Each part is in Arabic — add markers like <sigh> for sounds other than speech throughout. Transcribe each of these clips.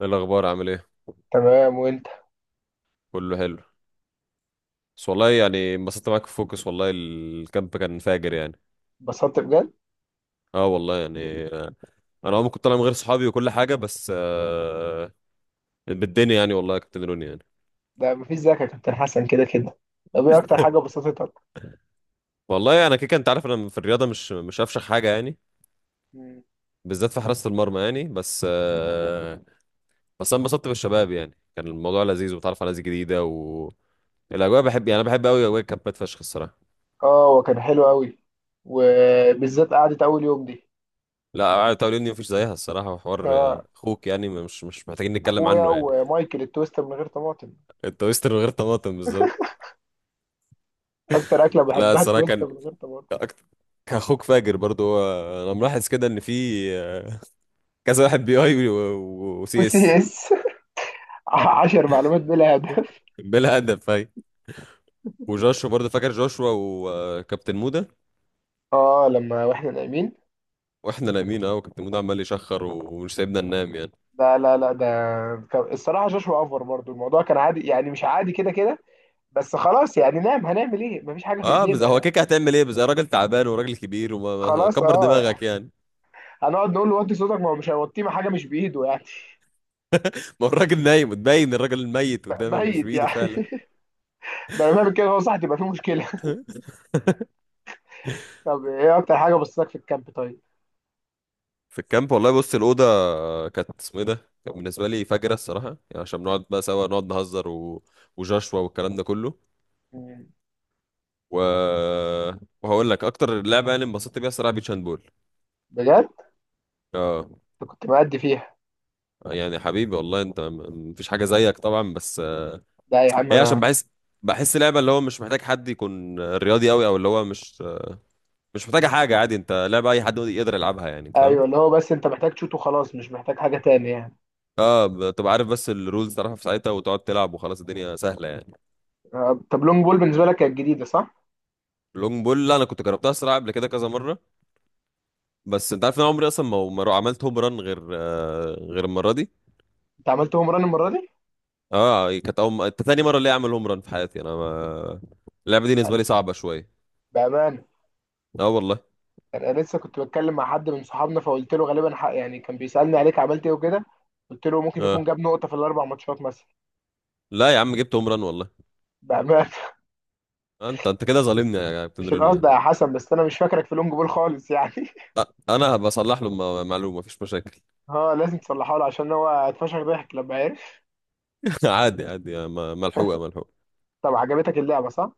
ايه الاخبار؟ عامل ايه؟ تمام وانت. كله حلو. بس والله يعني انبسطت معاك في فوكس، والله الكامب كان فاجر يعني. اتبسطت بجد. اه والله يعني، انا عمري كنت طالع من غير صحابي وكل حاجه، بس بالدنيا يعني، والله كنت دنوني يعني. ده مفيش زيك يا كابتن حسن كده كده. طب ايه اكتر حاجه <laughs> بسطتك؟ والله انا كده كده انت عارف، انا في الرياضه مش افشخ حاجه يعني، مم. بالذات في حراسه المرمى يعني، بس آه، بس انا انبسطت بالشباب، يعني كان الموضوع لذيذ وتعرف على ناس جديده، و الاجواء بحب، يعني انا بحب قوي اجواء الكامبات فشخ الصراحه. اه وكان حلو قوي وبالذات قعدة اول يوم دي. لا قعدة اليوم دي مفيش زيها الصراحه، وحوار اه اخوك يعني مش محتاجين نتكلم اخويا عنه يعني. ومايكل التوست من غير طماطم. التويست من غير طماطم بالظبط. اكتر اكله لا بحبها الصراحه التوست كان من غير طماطم. اكتر، كاخوك فاجر برضو هو. انا ملاحظ كده ان في آه، كذا واحد بي اي وسي وسي اس. اس <laughs> 10 معلومات بلا هدف. بلا هدف هاي. وجوشوا برضو، فاكر جوشوا وكابتن مودا. اه لما واحنا نايمين. واحنا نايمين، اه وكابتن مودا عمال يشخر ومش سايبنا ننام يعني. لا لا لا ده الصراحه شاشة اوفر برضو الموضوع كان عادي يعني مش عادي كده كده. بس خلاص يعني نام هنعمل ايه مفيش حاجه في اه بس ايدينا هو يعني. كيك، هتعمل ايه؟ بس راجل تعبان وراجل كبير، وما ما- خلاص كبر اه. دماغك يعني. هنقعد نقول له وطي صوتك ما هو مش هيوطيه ما حاجه مش بايده يعني. <laughs> ما هو الراجل نايم، وتبين الراجل الميت قدامك مش ميت بايده يعني فعلا. <laughs> ده لما بيعمل كده هو صح تبقى في مشكله <laughs> <laughs> طب ايه اكتر حاجه بصتك في الكامب طيب؟ في الكامب والله بص، الأوضة كانت اسمه ايه ده، كان بالنسبة لي فجرة الصراحة يعني، عشان بنقعد بقى سوا نقعد نهزر وجشوا والكلام ده كله، مم. و... وهقول لك أكتر لعبة يعني انبسطت بيها الصراحة، بيتش هاند بول. بجد؟ اه أنت كنت مأدي فيها؟ يعني حبيبي والله أنت، مفيش حاجة زيك طبعا، بس لا يا عم هي انا. عشان بحس، بحس لعبة اللي هو مش محتاج حد يكون رياضي أوي، أو اللي هو مش محتاجة حاجة، عادي أنت لعبة أي حد يقدر يلعبها يعني، فاهم؟ ايوه اللي هو بس انت محتاج تشوت وخلاص مش محتاج حاجه تاني يعني. اه بتبقى عارف، بس الرولز تعرفها في ساعتها، وتقعد تلعب وخلاص الدنيا سهلة يعني. طب لونج بول بالنسبه لك كانت جديده صح؟ لونج بول لا انا كنت جربتها الصراحه قبل كده كذا مره، بس انت عارف ان انا عمري اصلا ما ما رو- عملت هوم ران غير غير المره دي. انت عملت هوم ران المره دي؟ اه كانت اول تاني مره اللي اعمل هوم ران في حياتي، انا ما... اللعبه دي ب- بالنسبه لي صعبه شويه. بامانه. اه والله. انا لسه كنت بتكلم مع حد من صحابنا فقلت له غالبا حق يعني كان بيسالني عليك عملت ايه وكده. قلت له ممكن يكون اه جاب نقطه في الاربع ماتشات مثلا. لا يا عم، جبت هوم ران والله. بامانه. انت كده ظالمني يا كابتن مش روني القصد يعني. يا حسن بس انا مش فاكرك في لونج بول خالص يعني <laughs> انا بصلح له معلومه، مفيش مشاكل. اه لازم تصلحه له عشان هو اتفشخ ضحك لما عرف. <laughs> عادي عادي، ملحوقه ملحوقه. طب عجبتك اللعبه صح؟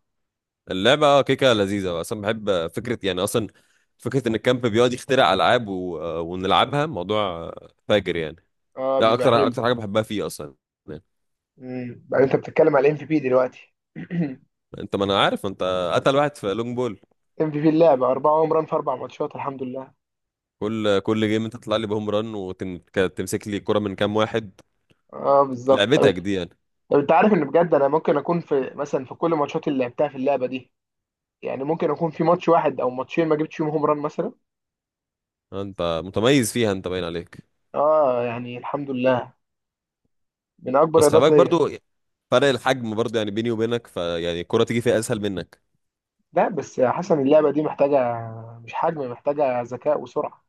اللعبه اه كيكه لذيذه، اصلا بحب فكره يعني، اصلا فكره ان الكامب بيقعد يخترع العاب و... آه، ونلعبها، موضوع فاجر يعني. اه ده بيبقى اكتر حلو. اكتر حاجه بحبها فيه اصلا يعني. بقى انت بتتكلم على الام في بي دلوقتي <clears throat> انت، ما انا عارف انت قتل واحد في لونج بول. ام في بي اللعبه 4 هوم ران في 4 ماتشات الحمد لله. كل جيم انت تطلع لي بهوم ران وتمسك لي الكره من كام واحد. اه بالظبط طب انت. لعبتك دي يعني. طب انت عارف ان بجد انا ممكن اكون في مثلا في كل ماتشات اللي لعبتها في اللعبه دي. يعني ممكن اكون في ماتش واحد او ماتشين ما جبتش فيهم هوم ران مثلا. انت متميز فيها، انت باين عليك. اه يعني الحمد لله. من اكبر بس خلي رياضات بالك ليا. برضو، فرق الحجم برضو يعني، بيني وبينك فيعني الكره تيجي فيها اسهل منك. لا بس يا حسن اللعبة دي محتاجة. مش حجم محتاجة ذكاء وسرعة.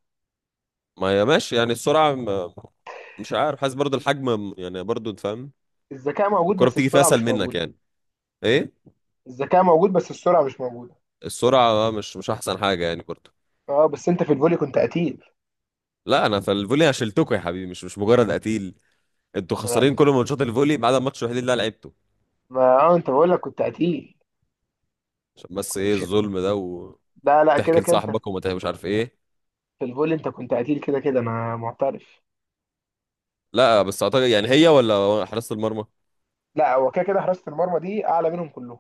ما هي ماشي يعني السرعه، مش عارف، حاسس برضو الحجم يعني، برضو انت فاهم. الذكاء موجود الكره بس بتيجي فيها السرعة اسهل مش منك موجودة. يعني. ايه. الذكاء موجود بس السرعة مش موجودة. السرعه مش احسن حاجه يعني برضو. اه بس انت في الفولي كنت قتيل. لا انا في الفولي أنا شلتكوا يا حبيبي، مش مجرد قتيل. انتوا ما خسرانين كل ماتشات الفولي ما عدا الماتش الوحيد اللي انا لعبته. اه انت بقول لك كنت قتيل. عشان بس كنت ايه ش... الظلم ده، لا لا كده وتحكي كده انت. لصاحبك مش عارف ايه. في الفولي انت كنت قتيل كده كده انا معترف. لا بس اعتقد يعني هي ولا حراسة المرمى، لا هو كده كده حراسة المرمى دي اعلى منهم كلهم.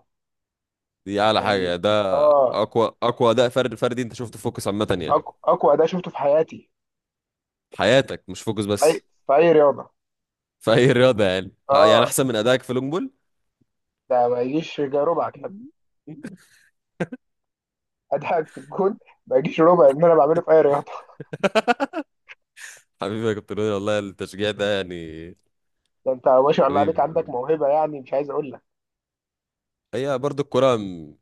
دي اعلى حاجة يعني. يعني ده. اه. اقوى اقوى اداء فرد فردي انت شفته في فوكس عامة يعني. اقوى اداء شفته في حياتي. حياتك مش فوكس اي. بس. في اي رياضة. <laughs> في اي رياضة يعني، يعني اه احسن من ادائك في لونج بول. ده ما يجيش ربع كده <laughs> <laughs> اداءك في الجون. ما يجيش ربع ان انا بعمله في اي رياضة. حبيبي يا كابتن روني، والله التشجيع ده يعني. ده انت ما شاء الله عليك حبيبي. عندك موهبه يعني مش عايز اقول لك. هي برضو الكرة،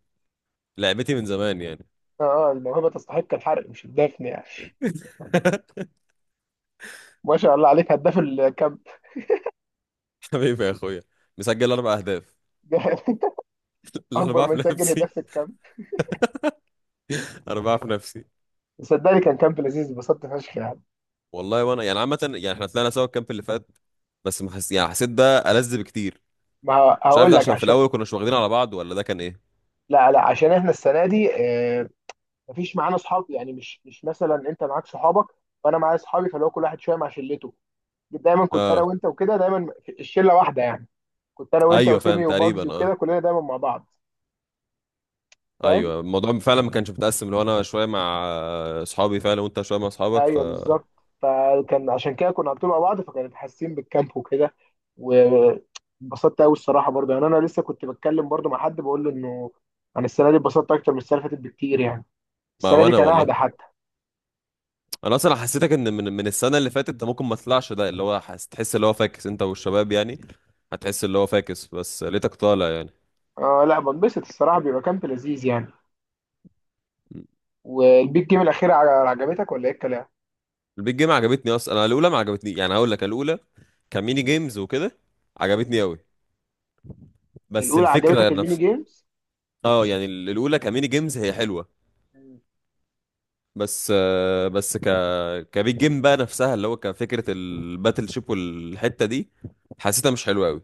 لعبتي من زمان يعني. اه الموهبه تستحق الحرق مش الدفن يعني. <laughs> ما شاء الله عليك هداف الكامب. حبيبي يا اخويا، مسجل اربع اهداف. <laughs> لا انا اكبر بعرف من سجل نفسي. هداف في الكامب. انا بعرف نفسي. صدقني كان كامب لذيذ اتبسطت فشخ يعني. والله وانا يعني عامه يعني احنا طلعنا سوا الكامب اللي فات، بس ما حس... يعني حسيت ده ألذ بكتير. ما مش عارف هقول ده لك عشان في عشان. الاول كنا مش واخدين على بعض، ولا ده كان ايه. لا لا عشان احنا السنه دي مفيش معانا اصحاب يعني مش مثلا انت معاك صحابك. وانا معايا اصحابي فاللي هو كل واحد شويه مع شلته. دايما كنت انا اه. وانت وكده دايما. الشله واحده يعني. كنت انا وانت ايوه فاهم وتيمي وباجزي تقريبا وكده اه. كلنا دايما مع بعض. فاهم؟ ايوه الموضوع فعلا ما كانش متقسم، لو انا شويه مع اصحابي فعلا، وانت شويه مع اصحابك ف، ايوه بالظبط. فكان عشان كده كنا على طول مع بعض فكانت حاسين بالكامب وكده. وانبسطت قوي الصراحه برضه يعني انا لسه كنت بتكلم برضه مع حد بقول له انه. انا السنه دي اتبسطت اكتر من السنه اللي فاتت بكتير يعني. ما السنه دي وانا كان اهدى والله، حتى. انا اصلا حسيتك ان من السنه اللي فاتت ده ممكن ما طلعش، ده اللي هو تحس اللي هو فاكس انت والشباب يعني، هتحس اللي هو فاكس، بس لقيتك طالع يعني. اه لا بنبسط الصراحه بيبقى كامب لذيذ يعني. والبيج جيم الاخيره عجبتك ولا ايه الكلام؟ البيت جيم عجبتني اصلا، انا الاولى ما عجبتني يعني، هقول لك. أنا الاولى كميني جيمز وكده، مم. عجبتني قوي، بس الاولى الفكره عجبتك الميني نفس. جيمز؟ اه يعني، الاولى كميني جيمز هي حلوه، مم. بس آه، بس ك كبيت جيم بقى نفسها اللي هو كفكره الباتل شيب والحته دي، حسيتها مش حلوه قوي.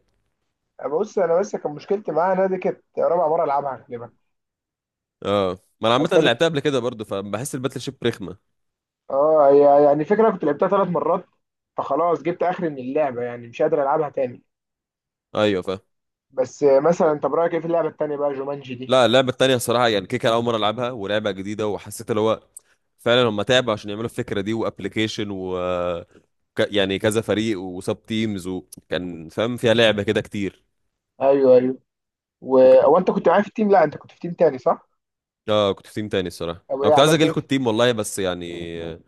بص انا بس كان مشكلتي معاها انها دي كانت رابع مره العبها غالبا. اه ما انا او عامه تالت. لعبتها قبل كده برضو، فبحس الباتل شيب رخمه. اه هي يعني فكرة كنت لعبتها 3 مرات. فخلاص جبت اخر من اللعبة يعني مش قادر العبها تاني. ايوه فاهم. بس مثلا طب رأيك ايه في اللعبة التانية بقى جومانجي دي؟ لا اللعبه التانيه الصراحه يعني كيكه، اول مره العبها ولعبه جديده، وحسيت اللي هو فعلا هم تعبوا عشان يعملوا الفكره دي وابلكيشن، و يعني كذا فريق وسب تيمز، وكان فاهم فيها لعبه كده كتير. ايوه ايوه. و... وك... هو انت كنت معايا في التيم لا انت كنت في تيم تاني صح؟ اه كنت في تيم تاني الصراحه، او انا ايه كنت عايز عملت اجي ايه. لكم التيم والله، بس يعني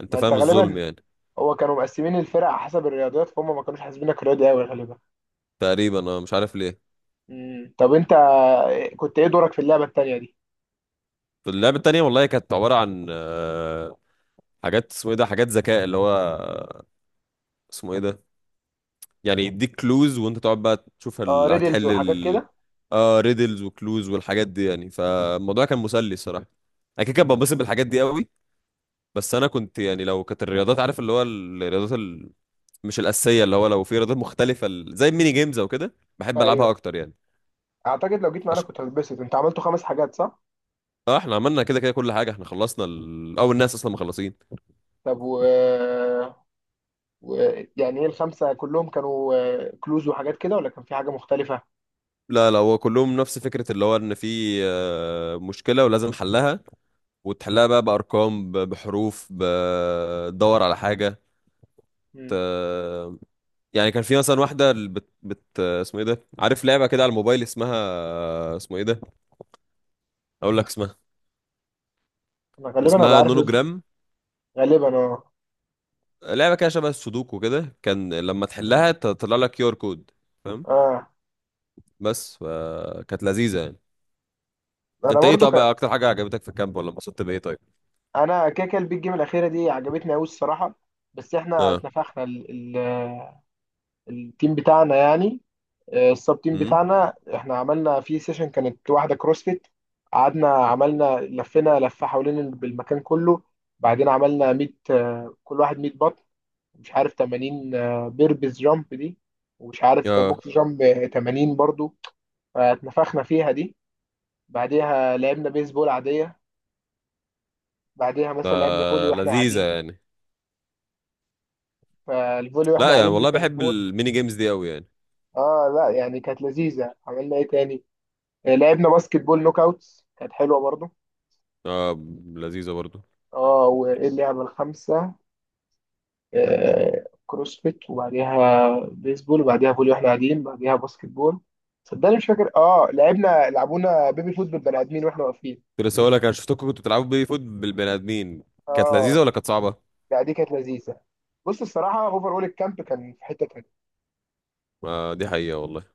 انت ما انت فاهم الظلم غالبا. يعني. هو كانوا مقسمين الفرق على حسب الرياضيات فهم ما كانوش حاسبينك رياضي قوي غالبا. تقريبا انا مش عارف ليه. طب انت. كنت ايه دورك في اللعبة التانية دي؟ في اللعبه التانيه والله كانت عباره عن حاجات، اسمه ايه ده، حاجات ذكاء اللي هو اسمه ايه ده، يعني يديك كلوز وانت تقعد بقى تشوف اه ريدلز هتحل وحاجات كده. اه ريدلز وكلوز والحاجات دي يعني، فالموضوع كان مسلي الصراحه، انا كده كده مم. بنبسط بالحاجات دي قوي. بس انا كنت يعني لو كانت الرياضات عارف اللي هو مش الاساسيه، اللي هو لو في رياضات مختلفه زي الميني جيمز او كده بحب العبها ايوه اكتر يعني. اعتقد لو جيت معانا عش... كنت هتتبسط انت عملته 5 حاجات صح؟ اه احنا عملنا كده كده كل حاجه، احنا خلصنا او الناس اصلا مخلصين. طب و. ويعني ايه الخمسة كلهم كانوا كلوز وحاجات كده ولا كان في حاجة مختلفة؟ لا لا هو كلهم نفس فكره، اللي هو ان في مشكله ولازم حلها، وتحلها بقى بارقام بحروف، بتدور على حاجه ت... مم. يعني كان في مثلا واحده، اسمه ايه ده، عارف لعبه كده على الموبايل اسمها، اسمه ايه ده، اقول لك اسمها، انا غالبا انا اسمها بعرف. نونوجرام. غالبا اه. لعبه كده شبه السودوكو كده، كان لما تحلها تطلع لك كيو ار كود، فاهم؟ اه بس فكانت لذيذه يعني. انا انت ايه؟ برضو طب كان. اكتر حاجه عجبتك في الكامب، ولا انبسطت بايه طيب؟ انا كده كده البيج جيم الاخيرة دي عجبتني قوي الصراحة. بس احنا اه. اتنفخنا ال... ال... آه، التيم بتاعنا يعني. السب تيم امم. بتاعنا احنا عملنا في سيشن كانت واحدة كروسفيت. قعدنا عملنا لفينا لفة حوالين المكان كله. بعدين عملنا 100 كل واحد 100 بط. مش عارف 80. بيربز جامب دي. ومش عارف اه بوكس جامب 80 برضو. فاتنفخنا فيها دي. بعديها لعبنا بيسبول عادية. بعديها مثلا لعبنا فولي لا، واحنا لذيذه قاعدين. يعني. فالفولي واحنا لا يعني قاعدين دي والله كانت بحب موت. الميني جيمز دي قوي يعني. اه لا يعني كانت لذيذة عملنا ايه تاني. لعبنا باسكت بول نوك اوتس كانت حلوة برضو. اه لذيذه برضو. اه وايه اللعبة الخامسة؟ كروسفيت وبعديها بيسبول وبعديها فولي واحنا قاعدين بعديها باسكت بول. صدقني مش فاكر اه لعبونا بيبي فوت بالبني ادمين واحنا واقفين. كنت لسه هقول لك، انا شفتكم كنتوا بتلعبوا بيه فوت بالبني ادمين، كانت اه لذيذه ولا كانت صعبه؟ لا دي كانت لذيذه. بص الصراحه اوفر اول الكامب كان في حته تانيه. آه دي حقيقه والله.